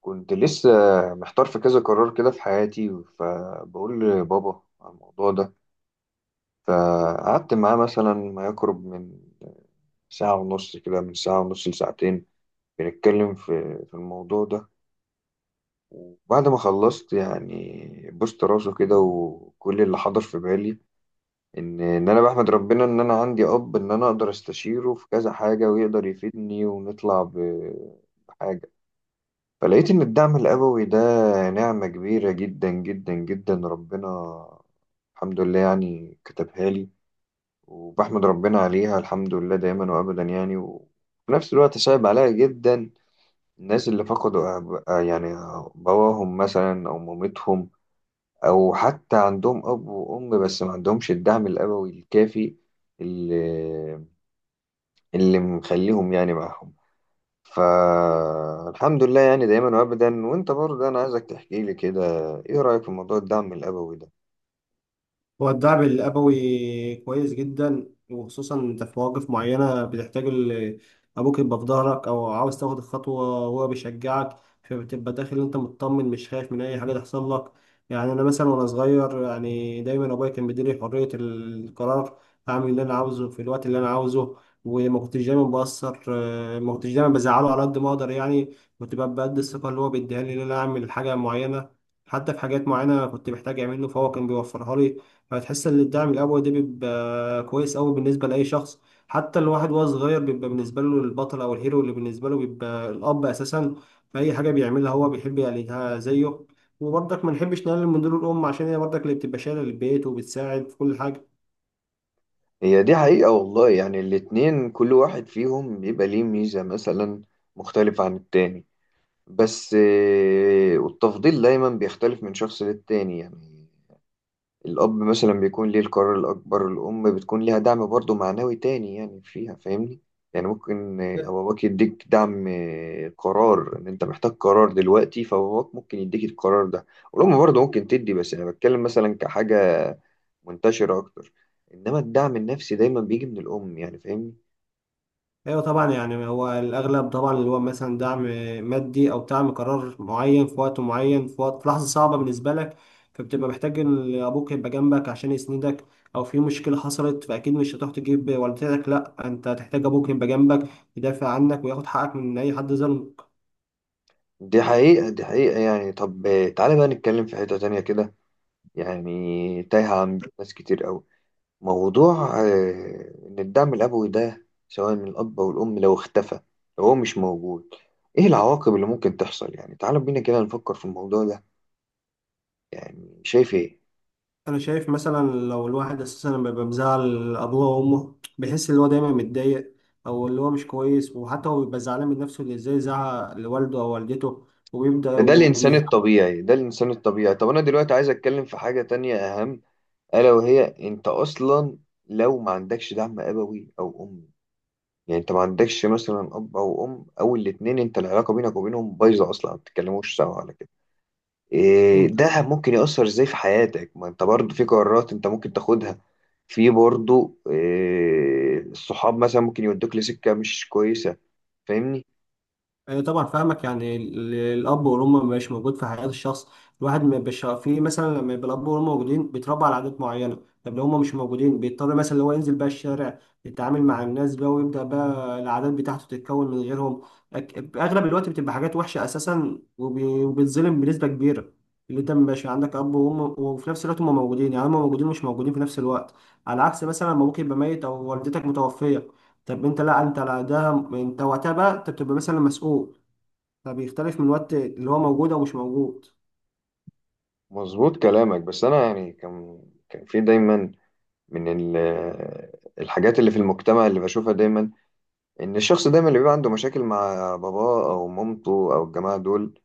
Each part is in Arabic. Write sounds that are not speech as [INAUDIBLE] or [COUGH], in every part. كنت لسه محتار في كذا قرار كده في حياتي، فبقول لبابا على الموضوع ده. فقعدت معاه مثلا ما يقرب من ساعة ونص، كده من ساعة ونص لساعتين، بنتكلم في الموضوع ده. وبعد ما خلصت يعني بوست راسه كده، وكل اللي حضر في بالي إن أنا بحمد ربنا إن أنا عندي أب، إن أنا أقدر أستشيره في كذا حاجة ويقدر يفيدني ونطلع بحاجة. فلقيت إن الدعم الأبوي ده نعمة كبيرة جدا جدا جدا. ربنا الحمد لله يعني كتبها لي، وبحمد ربنا عليها الحمد لله دايما وأبدا يعني. وفي نفس الوقت صعب عليا جدا الناس اللي فقدوا أب، يعني باباهم مثلا أو مامتهم، أو حتى عندهم أب وأم بس ما عندهمش الدعم الأبوي الكافي اللي اللي مخليهم يعني معاهم. فالحمد لله يعني دايما وابدا. وانت برضه انا عايزك تحكي لي كده، ايه رايك في موضوع الدعم الابوي ده؟ هو الدعم الأبوي كويس جدا، وخصوصا أنت في مواقف معينة بتحتاج أبوك يبقى في ظهرك، أو عاوز تاخد الخطوة وهو بيشجعك. فبتبقى داخل أنت مطمن، مش خايف من أي حاجة تحصل لك. يعني أنا مثلا وأنا صغير يعني دايما أبويا كان بيديني حرية القرار، أعمل اللي أنا عاوزه في الوقت اللي أنا عاوزه. وما كنتش دايما بأثر آه، ما كنتش دايما بزعله على قد ما أقدر، يعني كنت ببقى بقد الثقة اللي هو بيديها لي إن أنا أعمل حاجة معينة. حتى في حاجات معينة كنت محتاج أعمله فهو كان بيوفرها لي. هتحس ان الدعم الابوي ده بيبقى كويس قوي بالنسبه لاي شخص. حتى الواحد وهو صغير بيبقى بالنسبه له البطل او الهيرو، اللي بالنسبه له بيبقى الاب اساسا. في اي حاجه بيعملها هو بيحب يعملها زيه. وبرضك ما نحبش نقلل من دور الام، عشان هي برضك اللي بتبقى شايله البيت وبتساعد في كل حاجه. هي دي حقيقه والله، يعني الاتنين كل واحد فيهم بيبقى ليه ميزه مثلا مختلفه عن التاني. بس والتفضيل دايما بيختلف من شخص للتاني يعني. الأب مثلا بيكون ليه القرار الأكبر، الأم بتكون ليها دعم برضه معنوي تاني، يعني فيها، فاهمني؟ يعني ممكن باباك يديك دعم، قرار إن أنت محتاج قرار دلوقتي، فباباك ممكن يديك القرار ده. والأم برضه ممكن تدي، بس أنا بتكلم مثلا كحاجة منتشرة أكتر. إنما الدعم النفسي دايما بيجي من الأم، يعني فاهمني؟ ايوه طبعا، يعني هو الاغلب طبعا اللي هو مثلا دعم مادي او دعم قرار معين في وقت معين، في وقت في لحظه صعبه بالنسبه لك، فبتبقى محتاج ان ابوك يبقى جنبك عشان يسندك. او في مشكله حصلت، فاكيد مش هتروح تجيب والدتك، لا انت هتحتاج ابوك يبقى جنبك، يدافع عنك وياخد حقك من اي حد ظلم. دي حقيقة، دي حقيقة يعني. طب تعالى بقى نتكلم في حتة تانية كده، يعني تايهة عن ناس كتير أوي. موضوع إن الدعم الأبوي ده سواء من الأب أو الأم لو اختفى، لو هو مش موجود، إيه العواقب اللي ممكن تحصل؟ يعني تعالوا بينا كده نفكر في الموضوع ده. يعني شايف إيه؟ انا شايف مثلا لو الواحد اساسا لما بيبقى مزعل ابوه او امه بيحس ان هو دايما متضايق، او اللي هو مش كويس، وحتى هو بيبقى زعلان من نفسه، اللي ازاي زعق لوالده او والدته، وبيبدا ده الإنسان وبيه. الطبيعي، ده الإنسان الطبيعي. طب أنا دلوقتي عايز أتكلم في حاجة تانية أهم، ألا وهي أنت أصلا لو ما عندكش دعم أبوي أو أمي، يعني أنت ما عندكش مثلا أب أو أم أو الاتنين، أنت العلاقة بينك وبينهم بايظة أصلا ما بتتكلموش سوا على كده، إيه ده ممكن يأثر ازاي في حياتك؟ ما انت برضو في قرارات انت ممكن تاخدها، في برضو إيه، الصحاب مثلا ممكن يودوك لسكة مش كويسة، فاهمني؟ أيوة طبعا، فاهمك. يعني الأب والأم مش موجود في حياة الشخص، الواحد ما بيبقاش في، مثلا لما يبقى الأب والأم موجودين بيتربى على عادات معينة. طب لو هما مش موجودين بيضطر مثلا اللي هو ينزل بقى الشارع، يتعامل مع الناس بقى، ويبدأ بقى العادات بتاعته تتكون من غيرهم. أغلب الوقت بتبقى حاجات وحشة أساسا، وبيتظلم بنسبة كبيرة. اللي أنت مبقاش عندك أب وأم وفي نفس الوقت هما موجودين، يعني هما موجودين مش موجودين في نفس الوقت، على عكس مثلا لما أبوك يبقى ميت أو والدتك متوفية. طب انت لا انت لا، ده انت وقتها بقى انت بتبقى مثلا مسؤول. فبيختلف من الوقت اللي هو موجود او مش موجود. مظبوط كلامك، بس انا يعني كان في دايما من ال- الحاجات اللي في المجتمع اللي بشوفها دايما، ان الشخص دايما اللي بيبقى عنده مشاكل مع باباه او مامته او الجماعه دول،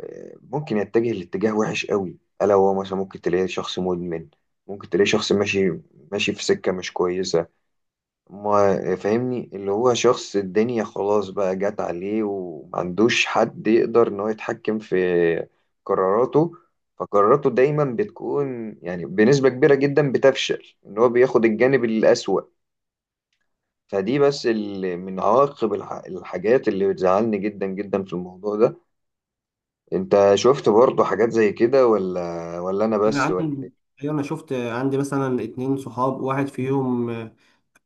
ممكن يتجه لاتجاه وحش قوي، الا هو مثلا ممكن تلاقيه شخص مدمن، ممكن تلاقيه شخص ماشي ماشي في سكه مش كويسه، ما فاهمني؟ اللي هو شخص الدنيا خلاص بقى جت عليه ومعندوش حد يقدر ان هو يتحكم في قراراته. فقراراته دايما بتكون يعني بنسبة كبيرة جدا بتفشل، ان هو بياخد الجانب الأسوأ. فدي بس من عواقب الحاجات اللي بتزعلني جدا جدا في الموضوع ده. انت شفت برضه حاجات زي كده ولا انا بس، انا ولا؟ عندي ايوه انا شفت، عندي مثلا اتنين صحاب، واحد فيهم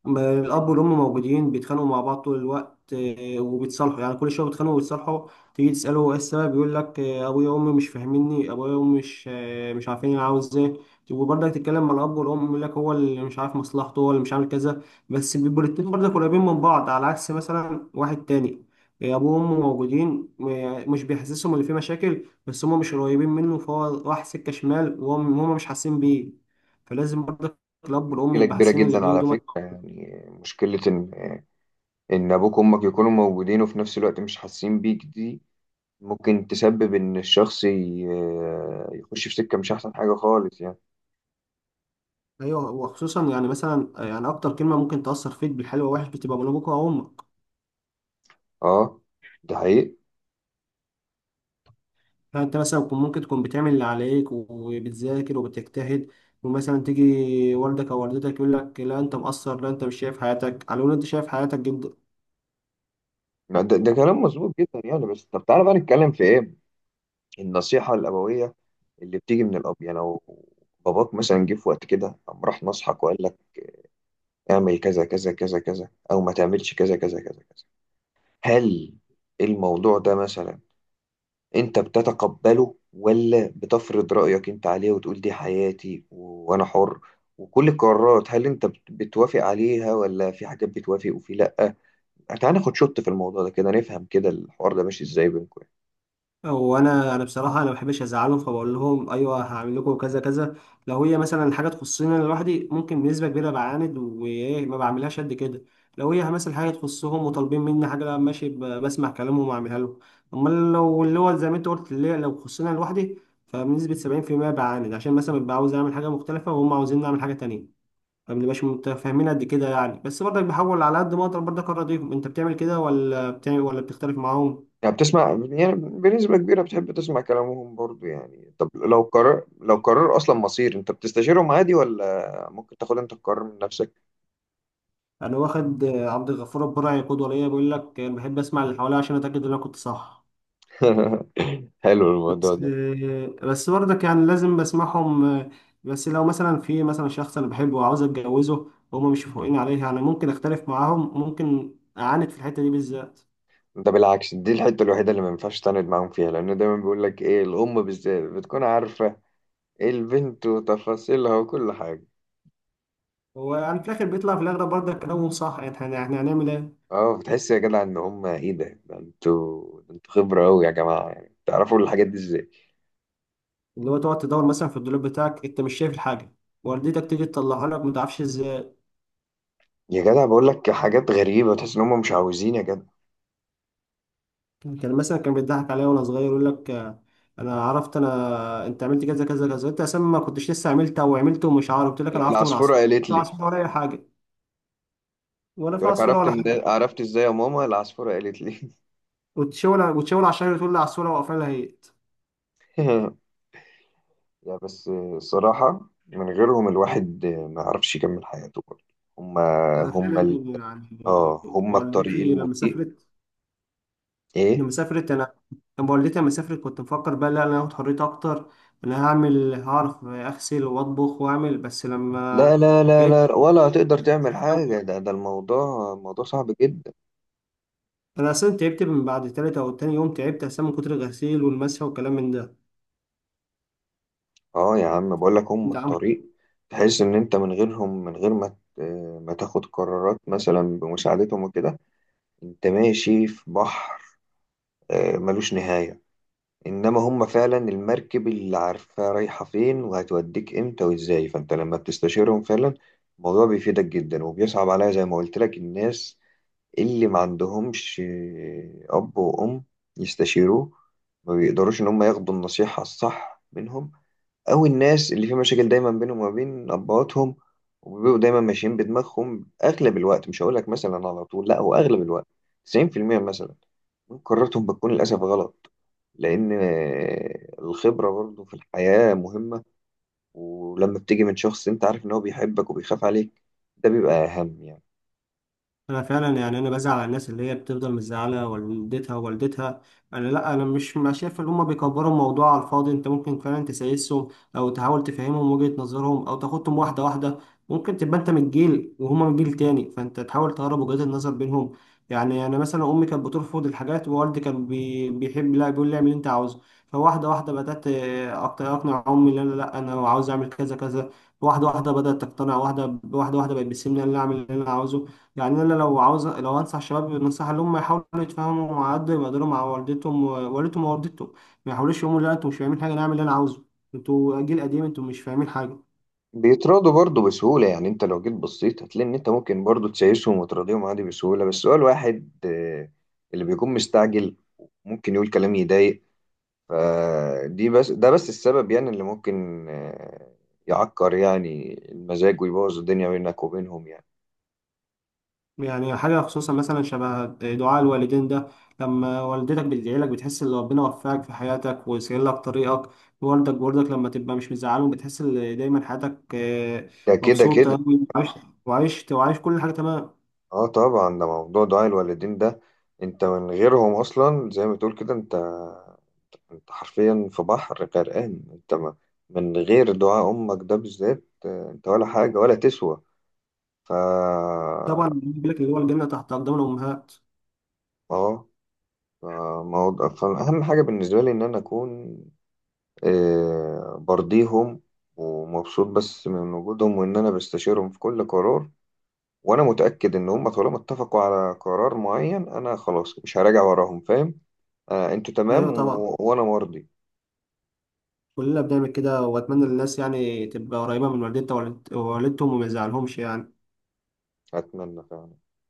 ما الاب والام موجودين بيتخانقوا مع بعض طول الوقت، وبيتصالحوا، يعني كل شويه بيتخانقوا وبيتصالحوا. تيجي تساله ايه السبب يقول لك، ابويا وامي مش فاهميني، ابويا وامي مش عارفين انا عاوز ايه. وبرضك تتكلم مع الاب والام يقول لك هو اللي مش عارف مصلحته، هو اللي مش عامل كذا. بس بيبقوا الاتنين برضك قريبين من بعض، على عكس مثلا واحد تاني، ابوه وامه موجودين، مش بيحسسهم اللي فيه مشاكل، بس هم مش قريبين منه، فهو راح سكه شمال وهم مش حاسين بيه. فلازم برضك الاب والام مشكلة يبقى كبيرة حاسين اللي جدا بينهم على دول. فكرة يعني. مشكلة ان ابوك وامك يكونوا موجودين وفي نفس الوقت مش حاسين بيك، دي ممكن تسبب ان الشخص يخش في سكة مش احسن حاجة خالص يعني. ايوه، وخصوصا يعني مثلا يعني اكتر كلمه ممكن تاثر فيك بالحلو والوحش بتبقى من ابوك او امك. اه ده حقيقي. يعني انت مثلا ممكن تكون بتعمل اللي عليك وبتذاكر وبتجتهد، ومثلا تيجي والدك او والدتك يقول لك لا انت مقصر، لا انت مش شايف حياتك، على ان انت شايف حياتك جدا. لا، ده كلام مظبوط جدا يعني. بس طب تعالى بقى نتكلم في ايه، النصيحة الأبوية اللي بتيجي من الأب، يعني لو باباك مثلا جه في وقت كده قام راح نصحك وقال لك اعمل كذا كذا كذا كذا أو ما تعملش كذا كذا كذا كذا، هل الموضوع ده مثلا انت بتتقبله ولا بتفرض رأيك انت عليه وتقول دي حياتي وانا حر، وكل القرارات هل انت بتوافق عليها ولا في حاجات بتوافق وفي لأ؟ تعال ناخد شوت في الموضوع ده كده، نفهم كده الحوار ده ماشي ازاي بينكم يعني. هو انا بصراحه انا ما بحبش ازعلهم، فبقول لهم ايوه هعمل لكم كذا كذا. لو هي مثلا حاجه تخصني انا لوحدي ممكن بنسبه كبيره بعاند، وايه ما بعملهاش قد كده. لو هي مثلا حاجه تخصهم وطالبين مني حاجه، لا ماشي، بسمع كلامهم واعملها لهم. امال لو اللي هو زي ما انت قلت اللي هي لو خصني أنا لوحدي، فبنسبه 70% بعاند، عشان مثلا ببقى عاوز اعمل حاجه مختلفه وهم عاوزين نعمل حاجه تانية، فمبنبقاش متفاهمين قد كده يعني. بس برضك بحاول على قد ما اقدر برضك ارضيهم. انت بتعمل كده ولا بتعمل ولا بتختلف معاهم؟ يعني بتسمع يعني بنسبة كبيرة بتحب تسمع كلامهم برضو يعني. طب لو قرار، لو قرار اصلا مصير، انت بتستشيرهم عادي ولا ممكن تاخد انت القرار من نفسك؟ انا واخد عبد الغفور البرعي قدوه ليا، بيقول لك انا بحب اسمع اللي حواليا عشان اتاكد ان انا كنت صح. [LAUGHS] حلو الموضوع بس ده. آه، بس برضك يعني لازم بسمعهم. بس لو مثلا في مثلا شخص انا بحبه وعاوز اتجوزه وهما مش فوقين عليه، يعني ممكن اختلف معاهم، ممكن اعاند في الحته دي بالذات. ده بالعكس، دي الحتة الوحيدة اللي ما ينفعش تعاند معاهم فيها، لأن دايما بيقول لك إيه، الأم بالذات بتكون عارفة إيه البنت وتفاصيلها وكل حاجة. هو يعني في الاخر بيطلع في الاغلب برضك كلامهم صح، يعني احنا هنعمل ايه. أه، بتحس يا جدع إن هم إيه، ده ده أنتوا، ده أنتوا خبرة أوي يا جماعة، يعني تعرفوا الحاجات دي إزاي؟ اللي هو تقعد تدور مثلا في الدولاب بتاعك انت مش شايف الحاجه، والدتك تيجي تطلعها لك ما تعرفش. يا جدع بقول لك حاجات غريبة، تحس إن هم مش عاوزين يا جدع. كان مثلا كان بيضحك عليا وانا صغير، يقول لك، انا عرفت، انا انت عملت كذا كذا كذا، انت اساسا ما كنتش لسه عملتها وعملته ومش عارف، قلت لك انا عرفت من العصفورة عصفوره، قالت انت لي. عصفوره ولا اي حاجه؟ ولا في قلت لك عصفوره عرفت، ولا من حاجه، عرفت إزاي يا ماما؟ العصفورة قالت لي. وتشاور وتشاور على الشجره تقول لي عصفوره وقفلها هيت. [LAUGHS] يا بس الصراحة من غيرهم الواحد ما يعرفش يكمل حياته. هم ده انا هم فعلا يعني. اه هما الطريق والدتي لما المضيق. سافرت ايه؟ لما سافرت انا والدتي لما سافرت كنت مفكر بقى لا انا هاخد حريتي اكتر، انا هعرف اغسل واطبخ واعمل. بس لا لما لا لا لقيت، لا، ولا هتقدر تعمل حاجة، ده الموضوع صعب جدا. انا اصلا تعبت من بعد تالت او تاني يوم، تعبت اصلا من كتر الغسيل والمسح والكلام من ده. اه يا عم بقول لك هم انت عامل. الطريق. تحس ان انت من غيرهم، من غير ما ما تاخد قرارات مثلا بمساعدتهم وكده، انت ماشي في بحر ملوش نهاية. انما هم فعلا المركب اللي عارفة رايحة فين وهتوديك امتى وازاي. فانت لما بتستشيرهم فعلا الموضوع بيفيدك جدا. وبيصعب عليا زي ما قلت لك الناس اللي ما عندهمش أب وأم يستشيروه، ما بيقدروش إن هم ياخدوا النصيحة الصح منهم. أو الناس اللي في مشاكل دايما بينهم وما بين أبواتهم، وبيبقوا دايما ماشيين بدماغهم أغلب الوقت. مش هقولك مثلا على طول لأ، هو أغلب الوقت 90% مثلا من قراراتهم بتكون للأسف غلط، لأن الخبرة برضه في الحياة مهمة. ولما بتيجي من شخص أنت عارف إن هو بيحبك وبيخاف عليك، ده بيبقى أهم يعني. انا فعلا يعني انا بزعل على الناس اللي هي بتفضل مزعله والدتها. انا لا انا مش ما شايف ان هم بيكبروا الموضوع على الفاضي، انت ممكن فعلا تسايسهم او تحاول تفهمهم وجهه نظرهم او تاخدهم واحده واحده. ممكن تبقى انت من الجيل وهما من جيل تاني، فانت تحاول تقرب وجهات النظر بينهم. يعني انا مثلا امي كانت بترفض الحاجات ووالدي كان بيحب، لا بيقول لي اعمل اللي انت عاوزه. فواحده واحده بدات اقنع امي ان انا لا انا عاوز اعمل كذا كذا. واحده واحده بدات تقتنع، واحده واحده واحده بقت بتسيبني إن انا اعمل اللي انا عاوزه. يعني انا لو عاوز لو انصح شباب نصيحه اللي هم يحاولوا يتفاهموا على قد ما يقدروا مع والدتهم ووالدتهم ووالدتهم ما يحاولوش يقولوا لا انتوا مش فاهمين حاجه، انا اعمل اللي انا عاوزه، انتوا جيل قديم انتوا مش فاهمين حاجه. بيتراضوا برضه بسهولة يعني. انت لو جيت بصيت هتلاقي ان انت ممكن برضه تسايسهم وتراضيهم عادي بسهولة، بس هو الواحد اللي بيكون مستعجل ممكن يقول كلام يضايق. فدي بس، ده بس السبب يعني اللي ممكن يعكر يعني المزاج ويبوظ الدنيا بينك وبينهم يعني. يعني حاجه خصوصا مثلا شبه دعاء الوالدين ده، لما والدتك بتدعي لك بتحس ان ربنا وفقك في حياتك وسهل لك طريقك. والدك برضك لما تبقى مش مزعلهم بتحس ان دايما حياتك ده كده مبسوطه كده. أوي، وعايش كل حاجه تمام. اه طبعا، ده موضوع دعاء الوالدين ده، انت من غيرهم اصلا زي ما تقول كده، انت حرفيا في بحر غرقان. انت ما من غير دعاء امك ده بالذات انت ولا حاجة ولا تسوى. ف طبعا بيقول لك اللي هو الجنه تحت اقدام الامهات. اه ف- موضوع، فأهم حاجة بالنسبة لي إن أنا أكون برضيهم ومبسوط بس من وجودهم، وإن أنا بستشيرهم في كل قرار. وأنا متأكد إن هم طالما اتفقوا على قرار معين أنا خلاص مش هراجع وراهم، فاهم؟ أنتوا ايوه تمام طبعا، وأنا مرضي. كلنا بنعمل كده، وأتمنى للناس يعني تبقى قريبة من والدتها ووالدتهم وما يزعلهمش يعني. أتمنى فعلا.